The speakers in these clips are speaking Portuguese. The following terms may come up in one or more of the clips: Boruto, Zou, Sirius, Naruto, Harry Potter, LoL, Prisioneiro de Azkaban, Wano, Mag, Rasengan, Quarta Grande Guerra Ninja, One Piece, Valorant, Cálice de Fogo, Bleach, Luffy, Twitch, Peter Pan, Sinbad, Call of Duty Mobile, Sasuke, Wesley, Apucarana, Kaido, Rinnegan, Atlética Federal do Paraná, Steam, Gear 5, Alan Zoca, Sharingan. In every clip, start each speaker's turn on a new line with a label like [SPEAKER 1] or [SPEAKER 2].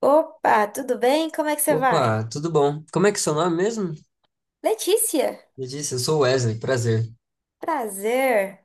[SPEAKER 1] Opa, tudo bem? Como é que você vai?
[SPEAKER 2] Opa, tudo bom? Como é que é seu nome mesmo?
[SPEAKER 1] Letícia,
[SPEAKER 2] Me disse, eu sou Wesley, prazer.
[SPEAKER 1] prazer.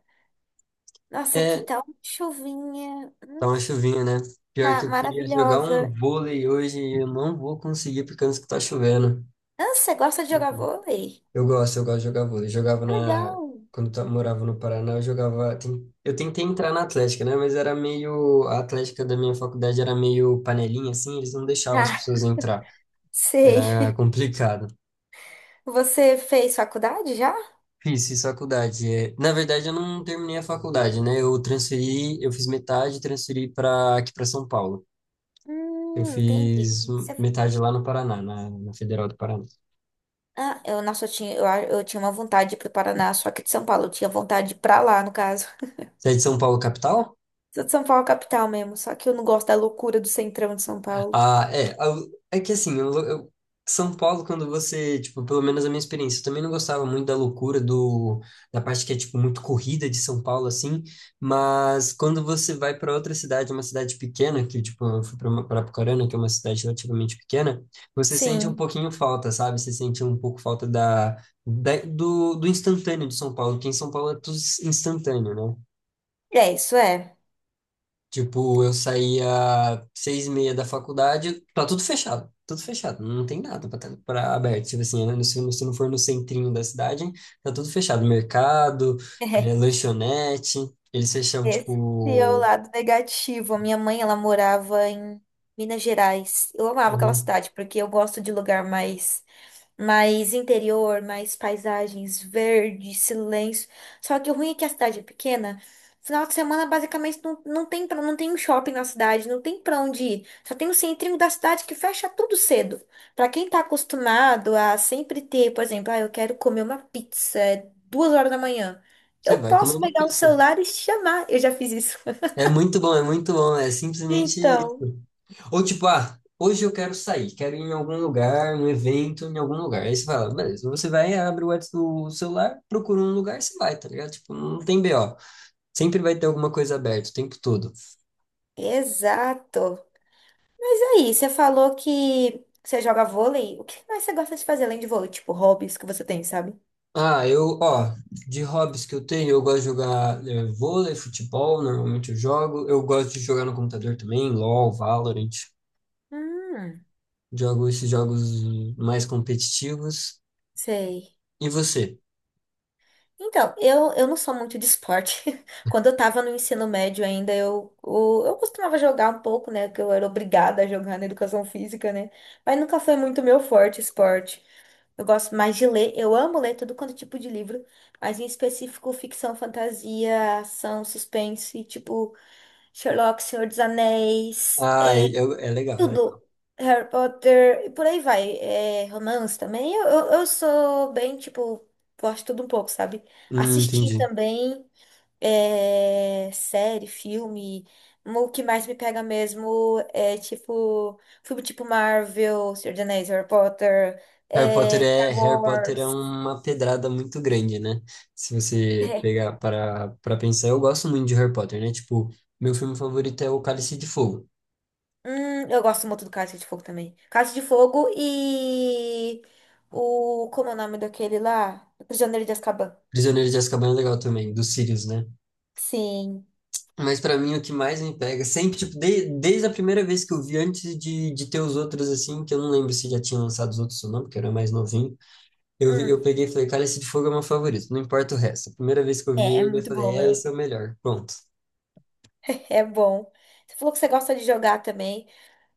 [SPEAKER 1] Nossa, aqui
[SPEAKER 2] É,
[SPEAKER 1] tá uma chuvinha.
[SPEAKER 2] tá uma chuvinha, né? Pior que
[SPEAKER 1] Tá
[SPEAKER 2] eu queria jogar um
[SPEAKER 1] maravilhosa.
[SPEAKER 2] vôlei hoje e eu não vou conseguir por causa que tá chovendo.
[SPEAKER 1] Ah, você gosta de jogar vôlei?
[SPEAKER 2] Eu gosto de jogar vôlei. Jogava
[SPEAKER 1] É
[SPEAKER 2] na...
[SPEAKER 1] legal.
[SPEAKER 2] Quando eu morava no Paraná, Eu tentei entrar na Atlética, né? Mas era meio... A Atlética da minha faculdade era meio panelinha, assim, eles não deixavam as
[SPEAKER 1] Ah,
[SPEAKER 2] pessoas entrar.
[SPEAKER 1] sei.
[SPEAKER 2] Era complicado.
[SPEAKER 1] Você fez faculdade já?
[SPEAKER 2] Fiz faculdade. É, na verdade, eu não terminei a faculdade, né? Eu transferi, eu fiz metade, e transferi para aqui para São Paulo. Eu
[SPEAKER 1] Entendi.
[SPEAKER 2] fiz
[SPEAKER 1] Você... fo-
[SPEAKER 2] metade lá no Paraná, na Federal do Paraná.
[SPEAKER 1] Ah, nossa, eu tinha uma vontade de ir pro Paraná, só que de São Paulo. Eu tinha vontade de ir pra lá, no caso.
[SPEAKER 2] Você é de São Paulo, capital?
[SPEAKER 1] Sou de São Paulo, capital mesmo, só que eu não gosto da loucura do centrão de São Paulo.
[SPEAKER 2] Ah, é, é que assim, São Paulo, quando você, tipo, pelo menos a minha experiência, eu também não gostava muito da loucura do, da parte que é, tipo, muito corrida de São Paulo, assim, mas quando você vai para outra cidade, uma cidade pequena, que, tipo, eu fui para Apucarana, que é uma cidade relativamente pequena, você sente um
[SPEAKER 1] Sim,
[SPEAKER 2] pouquinho falta, sabe? Você sente um pouco falta da, do, do instantâneo de São Paulo, porque em São Paulo é tudo instantâneo, né?
[SPEAKER 1] é isso, é.
[SPEAKER 2] Tipo, eu saía 6:30 da faculdade, tá tudo fechado, não tem nada pra pra aberto, tipo assim, né? Se, se não for no centrinho da cidade, tá tudo fechado, mercado, lanchonete, eles fecham,
[SPEAKER 1] Esse é o
[SPEAKER 2] tipo,
[SPEAKER 1] lado negativo. A minha mãe, ela morava em Minas Gerais. Eu amava aquela
[SPEAKER 2] uhum,
[SPEAKER 1] cidade, porque eu gosto de lugar mais interior, mais paisagens, verde, silêncio. Só que o ruim é que a cidade é pequena. Final de semana, basicamente, não tem um shopping na cidade, não tem pra onde ir. Só tem o centrinho da cidade que fecha tudo cedo. Pra quem tá acostumado a sempre ter, por exemplo, ah, eu quero comer uma pizza é 2 horas da manhã.
[SPEAKER 2] você
[SPEAKER 1] Eu
[SPEAKER 2] vai comer
[SPEAKER 1] posso
[SPEAKER 2] uma
[SPEAKER 1] pegar o
[SPEAKER 2] pizza.
[SPEAKER 1] celular e chamar. Eu já fiz isso.
[SPEAKER 2] É muito bom, é muito bom, é simplesmente,
[SPEAKER 1] Então,
[SPEAKER 2] ou tipo, ah, hoje eu quero sair, quero ir em algum lugar, um evento, em algum lugar, aí você fala, beleza, você vai, abre o o celular, procura um lugar, você vai, tá ligado? Tipo, não tem BO. Sempre vai ter alguma coisa aberta o tempo todo.
[SPEAKER 1] exato. Mas aí, você falou que você joga vôlei. O que mais você gosta de fazer além de vôlei? Tipo, hobbies que você tem, sabe?
[SPEAKER 2] Ah, eu, ó, de hobbies que eu tenho, eu gosto de jogar vôlei, futebol, normalmente eu jogo. Eu gosto de jogar no computador também, LoL, Valorant.
[SPEAKER 1] Hum,
[SPEAKER 2] Jogo esses jogos mais competitivos.
[SPEAKER 1] Sei.
[SPEAKER 2] E você?
[SPEAKER 1] Então, eu não sou muito de esporte. Quando eu tava no ensino médio ainda, eu costumava jogar um pouco, né? Que eu era obrigada a jogar na educação física, né? Mas nunca foi muito meu forte esporte. Eu gosto mais de ler, eu amo ler todo quanto é tipo de livro, mas em específico ficção, fantasia, ação, suspense, tipo Sherlock, Senhor dos Anéis,
[SPEAKER 2] Ah, é,
[SPEAKER 1] é,
[SPEAKER 2] é legal, é
[SPEAKER 1] tudo,
[SPEAKER 2] legal.
[SPEAKER 1] Harry Potter, e por aí vai. É, romance também. Eu sou bem, tipo, gosto de tudo um pouco, sabe? Assistir
[SPEAKER 2] Entendi.
[SPEAKER 1] também é, série, filme. O que mais me pega mesmo é, tipo, filme tipo Marvel, Senhor dos Anéis, Harry Potter, é, Star
[SPEAKER 2] Harry Potter é
[SPEAKER 1] Wars.
[SPEAKER 2] uma pedrada muito grande, né? Se você
[SPEAKER 1] É.
[SPEAKER 2] pegar para pensar, eu gosto muito de Harry Potter, né? Tipo, meu filme favorito é O Cálice de Fogo.
[SPEAKER 1] Eu gosto muito do Cálice de Fogo também. Cálice de Fogo e o... Como é o nome daquele lá? Prisioneiro de Azkaban.
[SPEAKER 2] Prisioneiro de Azkaban é legal também, do Sirius, né?
[SPEAKER 1] Sim.
[SPEAKER 2] Mas pra mim o que mais me pega, sempre, tipo, desde a primeira vez que eu vi, antes de ter os outros, assim, que eu não lembro se já tinham lançado os outros ou não, porque eu era mais novinho,
[SPEAKER 1] Hum.
[SPEAKER 2] eu peguei e falei, Cálice de Fogo é meu favorito, não importa o resto. A primeira vez que eu vi
[SPEAKER 1] É, é
[SPEAKER 2] ele, eu
[SPEAKER 1] muito
[SPEAKER 2] falei,
[SPEAKER 1] bom,
[SPEAKER 2] é,
[SPEAKER 1] meu.
[SPEAKER 2] esse é o melhor, pronto.
[SPEAKER 1] É bom. Você falou que você gosta de jogar também.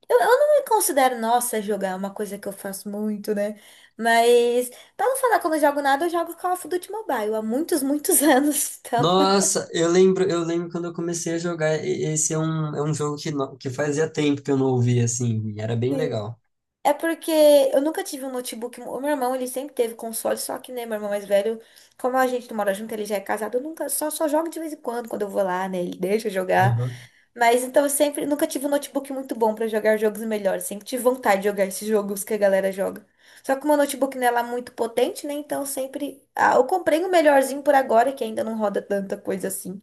[SPEAKER 1] Eu não me considero, nossa, jogar é uma coisa que eu faço muito, né? Mas, pra não falar que eu não jogo nada, eu jogo Call of Duty Mobile há muitos, muitos anos. Então,
[SPEAKER 2] Nossa, eu lembro quando eu comecei a jogar, esse é um jogo que, que fazia tempo que eu não ouvia, assim, e era bem
[SPEAKER 1] assim,
[SPEAKER 2] legal.
[SPEAKER 1] é porque eu nunca tive um notebook. O meu irmão, ele sempre teve console, só que, né, meu irmão mais velho, como a gente não mora junto, ele já é casado, eu nunca, só, só jogo de vez em quando, quando eu vou lá, né? Ele deixa eu jogar.
[SPEAKER 2] Aham.
[SPEAKER 1] Mas então eu sempre nunca tive um notebook muito bom pra jogar jogos melhores. Sempre tive vontade de jogar esses jogos que a galera joga. Só que o meu notebook não é lá muito potente, né? Então eu sempre. Ah, eu comprei o melhorzinho por agora, que ainda não roda tanta coisa assim.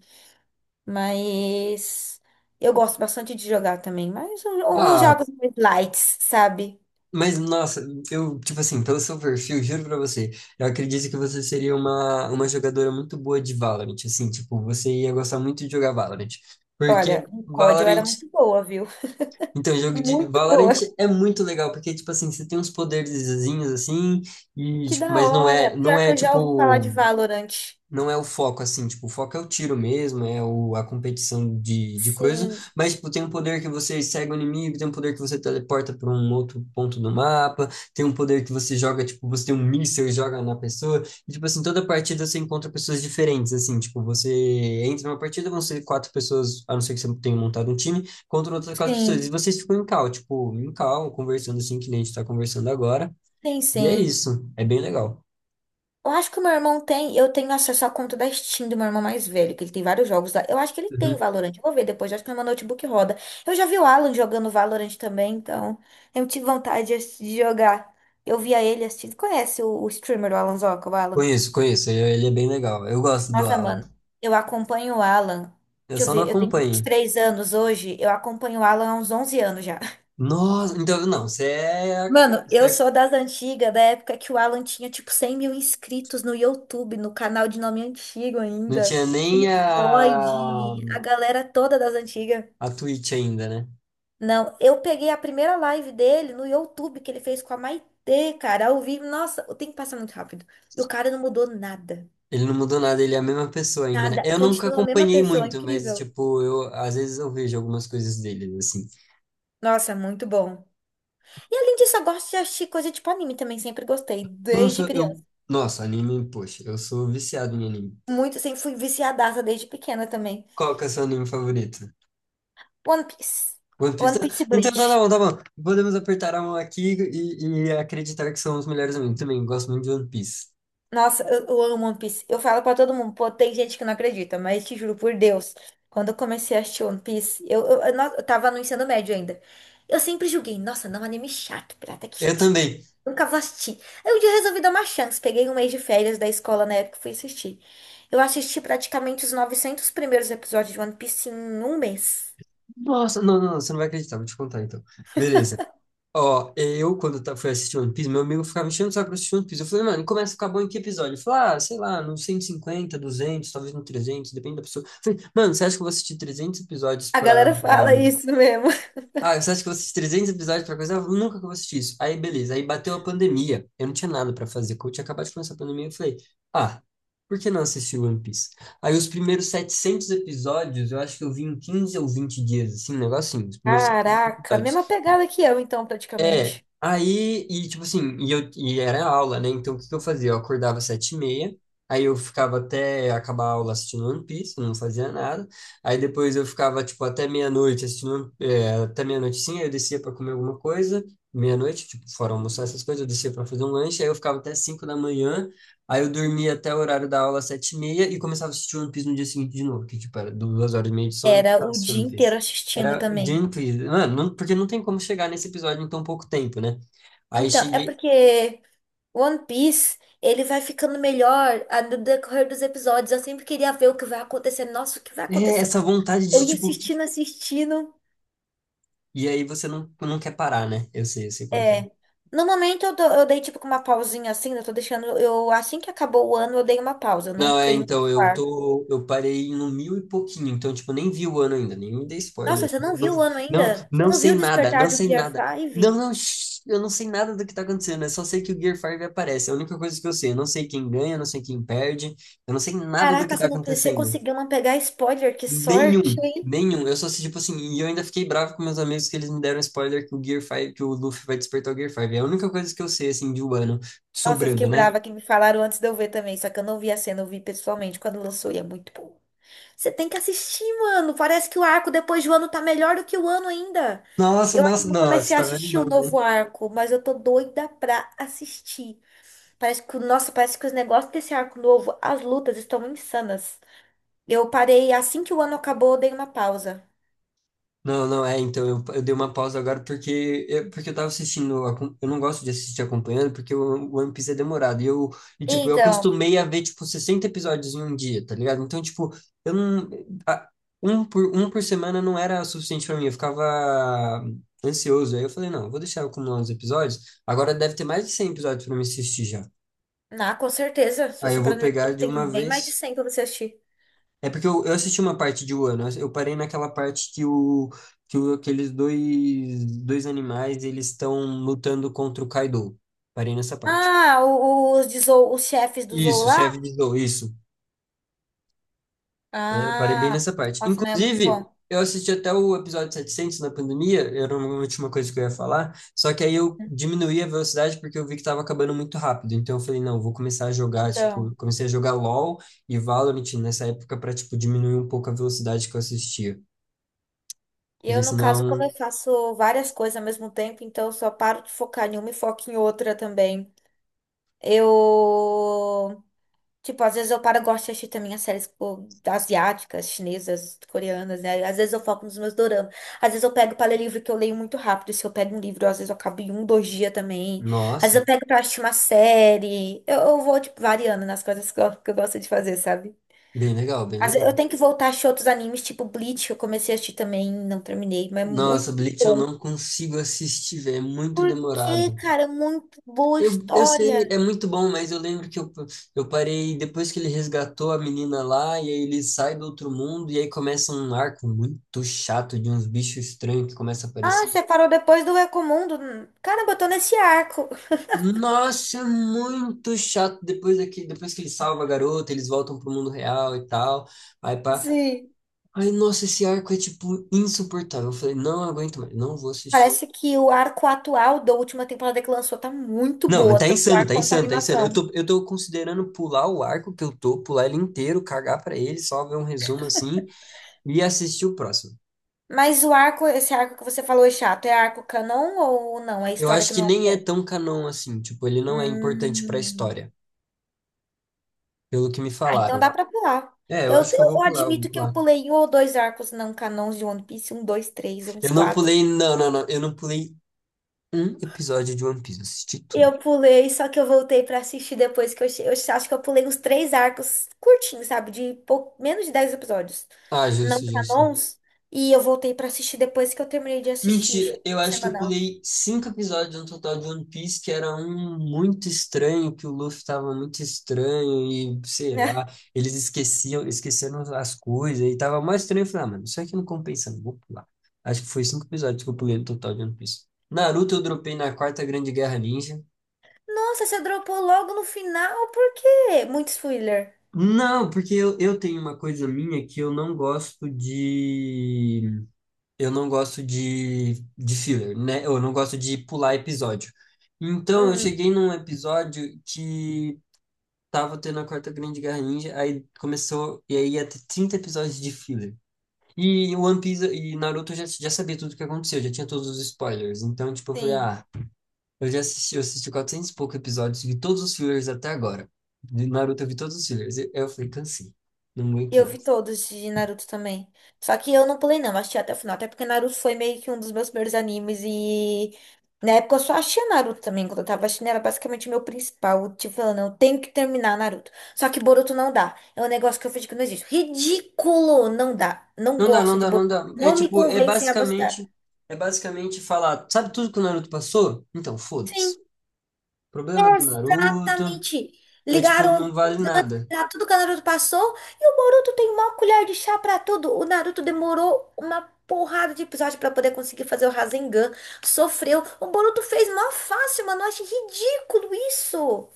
[SPEAKER 1] Mas eu gosto bastante de jogar também. Mas os
[SPEAKER 2] Ah,
[SPEAKER 1] jogos mais lights, sabe?
[SPEAKER 2] mas, nossa, eu, tipo assim, pelo seu perfil, juro pra você, eu acredito que você seria uma jogadora muito boa de Valorant, assim, tipo, você ia gostar muito de jogar Valorant.
[SPEAKER 1] Olha,
[SPEAKER 2] Porque
[SPEAKER 1] o COD eu era
[SPEAKER 2] Valorant,
[SPEAKER 1] muito boa, viu?
[SPEAKER 2] então, jogo de
[SPEAKER 1] Muito
[SPEAKER 2] Valorant
[SPEAKER 1] boa.
[SPEAKER 2] é muito legal, porque, tipo assim, você tem uns poderzinhos, assim, e,
[SPEAKER 1] Que
[SPEAKER 2] tipo,
[SPEAKER 1] da
[SPEAKER 2] mas não
[SPEAKER 1] hora.
[SPEAKER 2] é, não
[SPEAKER 1] Pior que
[SPEAKER 2] é,
[SPEAKER 1] eu já ouvi falar de
[SPEAKER 2] tipo,
[SPEAKER 1] Valorant.
[SPEAKER 2] não é o foco, assim, tipo, o foco é o tiro mesmo, é o, a competição de coisa,
[SPEAKER 1] Sim,
[SPEAKER 2] mas, tipo, tem um poder que você segue o inimigo, tem um poder que você teleporta para um outro ponto do mapa, tem um poder que você joga, tipo, você tem um míssil e joga na pessoa, e, tipo, assim, toda partida você encontra pessoas diferentes, assim, tipo, você entra numa partida, vão ser quatro pessoas, a não ser que você tenha montado um time, contra outras quatro pessoas, e
[SPEAKER 1] sim,
[SPEAKER 2] vocês ficam em cal, tipo, em cal, conversando assim, que nem a gente tá conversando agora,
[SPEAKER 1] sim,
[SPEAKER 2] e é
[SPEAKER 1] sim.
[SPEAKER 2] isso, é bem legal.
[SPEAKER 1] Eu acho que o meu irmão tem, eu tenho acesso à conta da Steam do meu irmão mais velho, que ele tem vários jogos lá. Eu acho que ele tem Valorant. Eu vou ver depois, eu acho que no meu notebook roda. Eu já vi o Alan jogando Valorant também, então eu tive vontade de jogar. Eu via ele assistindo. Conhece o streamer, o Alan Zoca, o Alan?
[SPEAKER 2] Conheço, conheço. Ele é bem legal. Eu gosto do
[SPEAKER 1] Nossa,
[SPEAKER 2] Alan.
[SPEAKER 1] mano, eu acompanho o Alan.
[SPEAKER 2] Eu
[SPEAKER 1] Deixa eu
[SPEAKER 2] só não
[SPEAKER 1] ver, eu tenho vinte e
[SPEAKER 2] acompanho.
[SPEAKER 1] três anos hoje, eu acompanho o Alan há uns 11 anos já.
[SPEAKER 2] Nossa, então não, você é, a-
[SPEAKER 1] Mano,
[SPEAKER 2] você
[SPEAKER 1] eu
[SPEAKER 2] é-
[SPEAKER 1] sou das antigas, da época que o Alan tinha tipo 100 mil inscritos no YouTube, no canal de nome antigo
[SPEAKER 2] não
[SPEAKER 1] ainda.
[SPEAKER 2] tinha
[SPEAKER 1] Tinha o
[SPEAKER 2] nem a
[SPEAKER 1] Void, a galera toda das antigas.
[SPEAKER 2] a Twitch ainda, né?
[SPEAKER 1] Não, eu peguei a primeira live dele no YouTube que ele fez com a Maitê, cara, ao vivo. Nossa, o tempo passa muito rápido. E o cara não mudou nada.
[SPEAKER 2] Ele não mudou nada, ele é a mesma pessoa ainda, né?
[SPEAKER 1] Nada.
[SPEAKER 2] Eu nunca
[SPEAKER 1] Continua a mesma
[SPEAKER 2] acompanhei
[SPEAKER 1] pessoa,
[SPEAKER 2] muito, mas
[SPEAKER 1] incrível.
[SPEAKER 2] tipo, eu às vezes eu vejo algumas coisas dele assim.
[SPEAKER 1] Nossa, muito bom. E além disso, eu gosto de assistir coisa tipo anime também, sempre gostei, desde
[SPEAKER 2] Nossa, eu
[SPEAKER 1] criança.
[SPEAKER 2] Nossa, anime, poxa, eu sou viciado em anime.
[SPEAKER 1] Muito, sempre fui viciadaça desde pequena também.
[SPEAKER 2] Qual que é o seu anime favorito?
[SPEAKER 1] One Piece.
[SPEAKER 2] One Piece.
[SPEAKER 1] One
[SPEAKER 2] Tá,
[SPEAKER 1] Piece e
[SPEAKER 2] então tá, tá
[SPEAKER 1] Bleach.
[SPEAKER 2] bom, tá bom. Podemos apertar a mão aqui e acreditar que são os melhores amigos. Também gosto muito de One Piece.
[SPEAKER 1] Nossa, eu amo One Piece. Eu falo pra todo mundo, pô, tem gente que não acredita, mas te juro por Deus, quando eu comecei a assistir One Piece, eu tava no ensino médio ainda. Eu sempre julguei, nossa, não, é um anime chato, pirata que
[SPEAKER 2] Eu
[SPEAKER 1] estica.
[SPEAKER 2] também.
[SPEAKER 1] Nunca vou assistir. Aí um dia eu resolvi dar uma chance, peguei um mês de férias da escola na época e fui assistir. Eu assisti praticamente os 900 primeiros episódios de One Piece em um mês.
[SPEAKER 2] Nossa, não, não, não, você não vai acreditar, vou te contar então. Beleza. Ó, eu, fui assistir One Piece, meu amigo ficava me enchendo o saco pra assistir One Piece. Eu falei, mano, começa a ficar bom em que episódio? Ele falou, ah, sei lá, no 150 200 talvez no 300 depende da pessoa. Eu falei, mano, você acha que eu vou assistir 300 episódios
[SPEAKER 1] A
[SPEAKER 2] pra,
[SPEAKER 1] galera fala isso mesmo.
[SPEAKER 2] ah, você acha que eu vou assistir 300 episódios pra coisa? Ah, nunca que eu vou assistir isso. Aí, beleza. Aí bateu a pandemia. Eu não tinha nada pra fazer. Quando eu tinha acabado de começar a pandemia, eu falei, ah, por que não assistir One Piece? Aí os primeiros 700 episódios, eu acho que eu vi em 15 ou 20 dias, assim, um negocinho. Os primeiros 700
[SPEAKER 1] Caraca, mesma
[SPEAKER 2] episódios.
[SPEAKER 1] pegada que eu, então,
[SPEAKER 2] É,
[SPEAKER 1] praticamente.
[SPEAKER 2] aí, e tipo assim, e, eu, e era aula, né? Então o que que eu fazia? Eu acordava às 7:30, aí eu ficava até acabar a aula assistindo One Piece, não fazia nada. Aí depois eu ficava, tipo, até meia-noite assistindo, é, até meia-noite sim, aí eu descia pra comer alguma coisa, meia-noite, tipo, fora almoçar essas coisas, eu descia pra fazer um lanche, aí eu ficava até 5 da manhã, aí eu dormia até o horário da aula às 7:30 e começava a assistir One Piece no dia seguinte de novo, que tipo, era 2 horas e meia de sono, eu
[SPEAKER 1] Era
[SPEAKER 2] começava
[SPEAKER 1] o
[SPEAKER 2] assistindo
[SPEAKER 1] dia
[SPEAKER 2] assistir One
[SPEAKER 1] inteiro
[SPEAKER 2] Piece.
[SPEAKER 1] assistindo
[SPEAKER 2] Era
[SPEAKER 1] também.
[SPEAKER 2] Gently. Mano, porque não tem como chegar nesse episódio em tão pouco tempo, né? Aí
[SPEAKER 1] Então, é
[SPEAKER 2] cheguei.
[SPEAKER 1] porque One Piece, ele vai ficando melhor no decorrer dos episódios. Eu sempre queria ver o que vai acontecer. Nossa, o que vai
[SPEAKER 2] É
[SPEAKER 1] acontecer?
[SPEAKER 2] essa vontade
[SPEAKER 1] Eu
[SPEAKER 2] de,
[SPEAKER 1] ia
[SPEAKER 2] tipo.
[SPEAKER 1] assistindo, assistindo.
[SPEAKER 2] E aí você não, não quer parar, né? Eu sei como que é.
[SPEAKER 1] É. No momento, eu dei tipo uma pausinha assim. Eu tô deixando. Eu, assim que acabou o ano, eu dei uma pausa. Eu não
[SPEAKER 2] Não, é,
[SPEAKER 1] entrei no
[SPEAKER 2] então, eu
[SPEAKER 1] quarto.
[SPEAKER 2] tô. Eu parei no mil e pouquinho, então, tipo, nem vi o ano ainda, nem me dei
[SPEAKER 1] Nossa,
[SPEAKER 2] spoiler.
[SPEAKER 1] você não
[SPEAKER 2] Não,
[SPEAKER 1] viu o ano
[SPEAKER 2] não,
[SPEAKER 1] ainda? Você
[SPEAKER 2] não
[SPEAKER 1] não
[SPEAKER 2] sei
[SPEAKER 1] viu o
[SPEAKER 2] nada,
[SPEAKER 1] despertar
[SPEAKER 2] não
[SPEAKER 1] do
[SPEAKER 2] sei
[SPEAKER 1] Gear
[SPEAKER 2] nada. Não,
[SPEAKER 1] 5?
[SPEAKER 2] não, shh, eu não sei nada do que tá acontecendo, eu só sei que o Gear 5 aparece, é a única coisa que eu sei. Eu não sei quem ganha, eu não sei quem perde, eu não sei nada do
[SPEAKER 1] Caraca,
[SPEAKER 2] que tá
[SPEAKER 1] você não, você
[SPEAKER 2] acontecendo.
[SPEAKER 1] conseguiu não pegar spoiler? Que sorte!
[SPEAKER 2] Nenhum, nenhum. Eu só assisti, tipo assim, e eu ainda fiquei bravo com meus amigos que eles me deram spoiler que o Gear 5, que o Luffy vai despertar o Gear 5. É a única coisa que eu sei, assim, de Wano
[SPEAKER 1] Nossa, eu fiquei
[SPEAKER 2] sobrando, né?
[SPEAKER 1] brava que me falaram antes de eu ver também, só que eu não vi a cena, eu vi pessoalmente quando lançou e é muito bom. Você tem que assistir, mano. Parece que o arco depois do ano tá melhor do que o ano ainda.
[SPEAKER 2] Nossa,
[SPEAKER 1] Eu ainda
[SPEAKER 2] nossa,
[SPEAKER 1] não
[SPEAKER 2] nossa,
[SPEAKER 1] comecei a
[SPEAKER 2] tá vendo?
[SPEAKER 1] assistir o novo arco, mas eu tô doida pra assistir. Parece que, nossa, parece que os negócios desse arco novo, as lutas estão insanas. Eu parei assim que o ano acabou, eu dei uma pausa.
[SPEAKER 2] Não, não, é, então eu dei uma pausa agora porque eu tava assistindo, eu não gosto de assistir acompanhando porque o One Piece é demorado, e eu, e tipo, eu
[SPEAKER 1] Então,
[SPEAKER 2] acostumei a ver, tipo, 60 episódios em um dia, tá ligado? Então, tipo, eu não, a- um por, um por semana não era suficiente pra mim, eu ficava ansioso, aí eu falei, não, eu vou deixar eu acumular uns episódios, agora deve ter mais de 100 episódios pra me assistir já,
[SPEAKER 1] na com certeza, se
[SPEAKER 2] aí
[SPEAKER 1] você
[SPEAKER 2] eu
[SPEAKER 1] parar
[SPEAKER 2] vou
[SPEAKER 1] no meu
[SPEAKER 2] pegar de
[SPEAKER 1] tem
[SPEAKER 2] uma
[SPEAKER 1] bem mais de
[SPEAKER 2] vez,
[SPEAKER 1] 100 pra você assistir.
[SPEAKER 2] é porque eu assisti uma parte de Wano, eu parei naquela parte que, o, aqueles dois, dois animais, eles estão lutando contra o Kaido. Parei nessa parte.
[SPEAKER 1] Ah, os chefes do Zou
[SPEAKER 2] Isso,
[SPEAKER 1] lá?
[SPEAKER 2] chefe de Zou, isso. É, eu parei bem
[SPEAKER 1] Ah,
[SPEAKER 2] nessa parte.
[SPEAKER 1] nossa, mas é muito
[SPEAKER 2] Inclusive,
[SPEAKER 1] bom.
[SPEAKER 2] eu assisti até o episódio 700 na pandemia, era uma última coisa que eu ia falar, só que aí eu diminuí a velocidade porque eu vi que tava acabando muito rápido. Então eu falei, não, vou começar a jogar,
[SPEAKER 1] Então,
[SPEAKER 2] tipo, comecei a jogar LoL e Valorant nessa época pra, tipo, diminuir um pouco a velocidade que eu assistia. Porque
[SPEAKER 1] eu no caso, como eu
[SPEAKER 2] senão
[SPEAKER 1] faço várias coisas ao mesmo tempo, então eu só paro de focar em uma e foco em outra também. Eu, tipo, às vezes eu paro, eu gosto de assistir também as séries pô, asiáticas, chinesas, coreanas, né? Às vezes eu foco nos meus doramas. Às vezes eu pego para ler livro que eu leio muito rápido. Se eu pego um livro, às vezes eu acabo em um, dois dias também. Às vezes eu
[SPEAKER 2] nossa,
[SPEAKER 1] pego pra assistir uma série. Eu vou, tipo, variando nas coisas que que eu gosto de fazer, sabe?
[SPEAKER 2] bem legal, bem
[SPEAKER 1] Eu
[SPEAKER 2] legal.
[SPEAKER 1] tenho que voltar a assistir outros animes, tipo Bleach, que eu comecei a assistir também, não terminei, mas é
[SPEAKER 2] Nossa,
[SPEAKER 1] muito
[SPEAKER 2] Bleach eu
[SPEAKER 1] bom.
[SPEAKER 2] não consigo assistir, velho, é muito
[SPEAKER 1] Por quê,
[SPEAKER 2] demorado.
[SPEAKER 1] cara? É muito boa
[SPEAKER 2] Eu sei,
[SPEAKER 1] história.
[SPEAKER 2] é muito bom, mas eu lembro que eu parei depois que ele resgatou a menina lá, e aí ele sai do outro mundo, e aí começa um arco muito chato de uns bichos estranhos que começam a
[SPEAKER 1] Ah,
[SPEAKER 2] aparecer.
[SPEAKER 1] você parou depois do Recomundo. Caramba, eu tô nesse arco.
[SPEAKER 2] Nossa, é muito chato. Depois daqui, depois que ele salva a garota, eles voltam pro mundo real e tal. Aí pá.
[SPEAKER 1] Sim.
[SPEAKER 2] Ai, nossa, esse arco é tipo insuportável. Eu falei, não aguento mais, não vou assistir.
[SPEAKER 1] Parece que o arco atual da última temporada que lançou tá muito
[SPEAKER 2] Não,
[SPEAKER 1] boa,
[SPEAKER 2] tá
[SPEAKER 1] tanto o
[SPEAKER 2] insano,
[SPEAKER 1] arco
[SPEAKER 2] tá
[SPEAKER 1] quanto a
[SPEAKER 2] insano, tá insano. Eu
[SPEAKER 1] animação.
[SPEAKER 2] tô, eu tô considerando pular o arco que eu tô, pular ele inteiro, cagar pra ele, só ver um resumo assim e assistir o próximo.
[SPEAKER 1] Mas o arco, esse arco que você falou é chato, é arco canon ou não? É
[SPEAKER 2] Eu
[SPEAKER 1] história
[SPEAKER 2] acho
[SPEAKER 1] que
[SPEAKER 2] que
[SPEAKER 1] não
[SPEAKER 2] nem é
[SPEAKER 1] é.
[SPEAKER 2] tão canon assim, tipo, ele não é importante pra
[SPEAKER 1] Hum.
[SPEAKER 2] história, pelo que me
[SPEAKER 1] Ah, então dá
[SPEAKER 2] falaram.
[SPEAKER 1] pra pular.
[SPEAKER 2] É, eu
[SPEAKER 1] Eu,
[SPEAKER 2] acho que eu vou
[SPEAKER 1] eu
[SPEAKER 2] pular, eu vou
[SPEAKER 1] admito que eu
[SPEAKER 2] pular.
[SPEAKER 1] pulei um ou dois arcos não canons de One Piece, um, dois, três, uns
[SPEAKER 2] Eu não
[SPEAKER 1] quatro.
[SPEAKER 2] pulei, não, não, não, eu não pulei um episódio de One Piece, assisti tudo.
[SPEAKER 1] Eu pulei, só que eu voltei pra assistir depois que eu acho que eu pulei uns três arcos curtinhos, sabe? Menos de 10 episódios,
[SPEAKER 2] Ah,
[SPEAKER 1] não
[SPEAKER 2] justo, justo.
[SPEAKER 1] canons. E eu voltei pra assistir depois que eu terminei de assistir,
[SPEAKER 2] Mentira,
[SPEAKER 1] cheguei
[SPEAKER 2] eu
[SPEAKER 1] no
[SPEAKER 2] acho que eu
[SPEAKER 1] semanal.
[SPEAKER 2] pulei cinco episódios no total de One Piece, que era um muito estranho, que o Luffy tava muito estranho e sei
[SPEAKER 1] Né?
[SPEAKER 2] lá, esqueceram as coisas e tava mais estranho. Eu falei, ah, mano, isso aqui não compensa, não vou pular. Acho que foi cinco episódios que eu pulei no total de One Piece. Naruto eu dropei na Quarta Grande Guerra Ninja.
[SPEAKER 1] Nossa, você dropou logo no final, por quê? Muito spoiler.
[SPEAKER 2] Não, porque eu tenho uma coisa minha que eu não gosto de eu não gosto de filler, né? Eu não gosto de pular episódio. Então, eu
[SPEAKER 1] Hum,
[SPEAKER 2] cheguei num episódio que tava tendo a Quarta Grande Guerra Ninja, aí começou, e aí ia ter 30 episódios de filler. E o One Piece e Naruto eu já sabia tudo o que aconteceu, já tinha todos os spoilers. Então, tipo, eu falei,
[SPEAKER 1] sim.
[SPEAKER 2] ah, eu já assisti, eu assisti 400 e poucos episódios, vi todos os fillers até agora. De Naruto eu vi todos os fillers. Eu falei, cansei, não aguento
[SPEAKER 1] Eu vi
[SPEAKER 2] mais.
[SPEAKER 1] todos de Naruto também. Só que eu não pulei, não, assisti até o final. Até porque Naruto foi meio que um dos meus primeiros animes e. Na época eu só achei Naruto também, quando eu tava assistindo, era basicamente o meu principal. Tipo, falando, eu tenho que terminar Naruto. Só que Boruto não dá. É um negócio que eu fiz que não existe. Ridículo! Não dá. Não
[SPEAKER 2] Não dá,
[SPEAKER 1] gosto
[SPEAKER 2] não
[SPEAKER 1] de
[SPEAKER 2] dá, não
[SPEAKER 1] Boruto.
[SPEAKER 2] dá. É
[SPEAKER 1] Não me
[SPEAKER 2] tipo,
[SPEAKER 1] convencem a gostar.
[SPEAKER 2] é basicamente falar, sabe tudo que o Naruto passou? Então,
[SPEAKER 1] Sim.
[SPEAKER 2] foda-se. Problema do Naruto,
[SPEAKER 1] Exatamente.
[SPEAKER 2] é tipo, não
[SPEAKER 1] Ligaram
[SPEAKER 2] vale nada.
[SPEAKER 1] pra tudo que o Naruto passou e o Boruto tem uma colher de chá pra tudo. O Naruto demorou uma porrada de episódio pra poder conseguir fazer o Rasengan. Sofreu. O Boruto fez mó fácil, mano. Eu achei ridículo isso.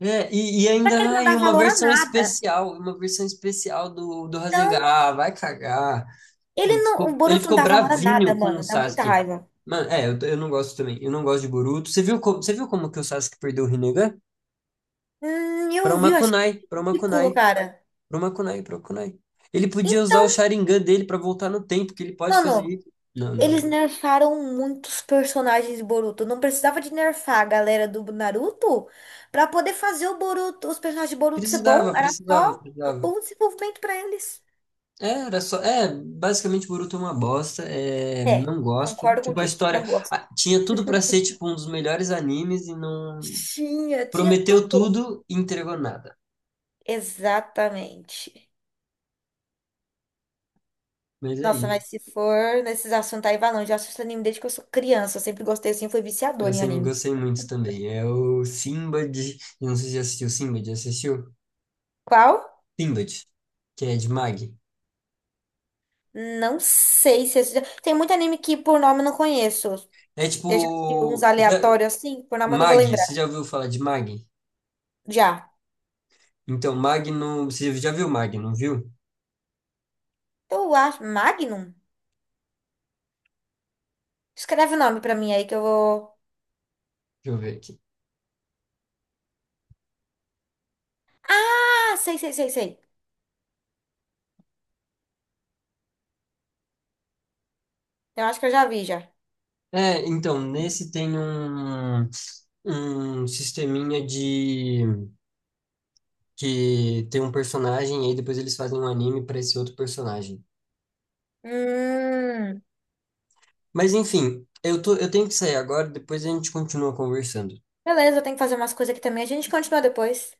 [SPEAKER 2] É, e
[SPEAKER 1] Pra
[SPEAKER 2] ainda,
[SPEAKER 1] que ele não
[SPEAKER 2] ai,
[SPEAKER 1] dá valor a nada.
[SPEAKER 2] uma versão especial do, do Rasengan.
[SPEAKER 1] Então,
[SPEAKER 2] Ah, vai cagar.
[SPEAKER 1] ele não, o
[SPEAKER 2] Ele
[SPEAKER 1] Boruto não
[SPEAKER 2] ficou
[SPEAKER 1] dá valor a nada,
[SPEAKER 2] bravinho com o
[SPEAKER 1] mano. Dá muita
[SPEAKER 2] Sasuke.
[SPEAKER 1] raiva.
[SPEAKER 2] Mano, é, eu, eu não gosto de Boruto. Você viu como que o Sasuke perdeu o Rinnegan? Pra
[SPEAKER 1] Eu vi,
[SPEAKER 2] uma
[SPEAKER 1] eu achei
[SPEAKER 2] kunai, pra uma
[SPEAKER 1] ridículo,
[SPEAKER 2] kunai.
[SPEAKER 1] cara.
[SPEAKER 2] Pro Kunai, pro Kunai. Ele podia usar o
[SPEAKER 1] Então,
[SPEAKER 2] Sharingan dele pra voltar no tempo, que ele pode fazer
[SPEAKER 1] mano,
[SPEAKER 2] isso. Não, não,
[SPEAKER 1] eles
[SPEAKER 2] não.
[SPEAKER 1] nerfaram muitos personagens de Boruto. Não precisava de nerfar a galera do Naruto pra poder fazer o Boruto, os personagens de Boruto ser bom.
[SPEAKER 2] Precisava,
[SPEAKER 1] Era
[SPEAKER 2] precisava,
[SPEAKER 1] só um
[SPEAKER 2] precisava.
[SPEAKER 1] bom desenvolvimento pra eles.
[SPEAKER 2] É, era só. É, basicamente Boruto é uma bosta. É,
[SPEAKER 1] É,
[SPEAKER 2] não gosto.
[SPEAKER 1] concordo
[SPEAKER 2] Tipo, a
[SPEAKER 1] contigo.
[SPEAKER 2] história
[SPEAKER 1] Não gosto.
[SPEAKER 2] ah, tinha tudo pra ser tipo um dos melhores animes e não
[SPEAKER 1] Tinha, tinha
[SPEAKER 2] prometeu
[SPEAKER 1] tudo.
[SPEAKER 2] tudo e entregou nada.
[SPEAKER 1] Exatamente.
[SPEAKER 2] Mas é
[SPEAKER 1] Nossa,
[SPEAKER 2] aí.
[SPEAKER 1] mas se for nesses assuntos aí, vai longe. Eu assisto anime desde que eu sou criança. Eu sempre gostei, assim, fui
[SPEAKER 2] Eu
[SPEAKER 1] viciadora em
[SPEAKER 2] sempre
[SPEAKER 1] anime.
[SPEAKER 2] gostei muito também. É o Sinbad. Eu não sei se já assistiu Sinbad, já assistiu?
[SPEAKER 1] Qual?
[SPEAKER 2] Sinbad, que é de Mag.
[SPEAKER 1] Não sei se... esse- Tem muito anime que por nome eu não conheço.
[SPEAKER 2] É
[SPEAKER 1] Eu já vi uns
[SPEAKER 2] tipo. Já,
[SPEAKER 1] aleatórios assim, por na mão não vou
[SPEAKER 2] Mag, você
[SPEAKER 1] lembrar.
[SPEAKER 2] já ouviu falar de Mag?
[SPEAKER 1] Já.
[SPEAKER 2] Então, Mag não. Você já viu Mag, não viu?
[SPEAKER 1] Eu acho. Magnum? Escreve o nome pra mim aí que eu vou.
[SPEAKER 2] Deixa eu ver aqui.
[SPEAKER 1] Ah, sei, sei, sei, sei. Eu acho que eu já vi já.
[SPEAKER 2] É, então, nesse tem um, um sisteminha de. Que tem um personagem e aí depois eles fazem um anime para esse outro personagem.
[SPEAKER 1] Hum.
[SPEAKER 2] Mas enfim, eu tô, eu tenho que sair agora, depois a gente continua conversando.
[SPEAKER 1] Beleza, eu tenho que fazer umas coisas aqui também. A gente continua depois.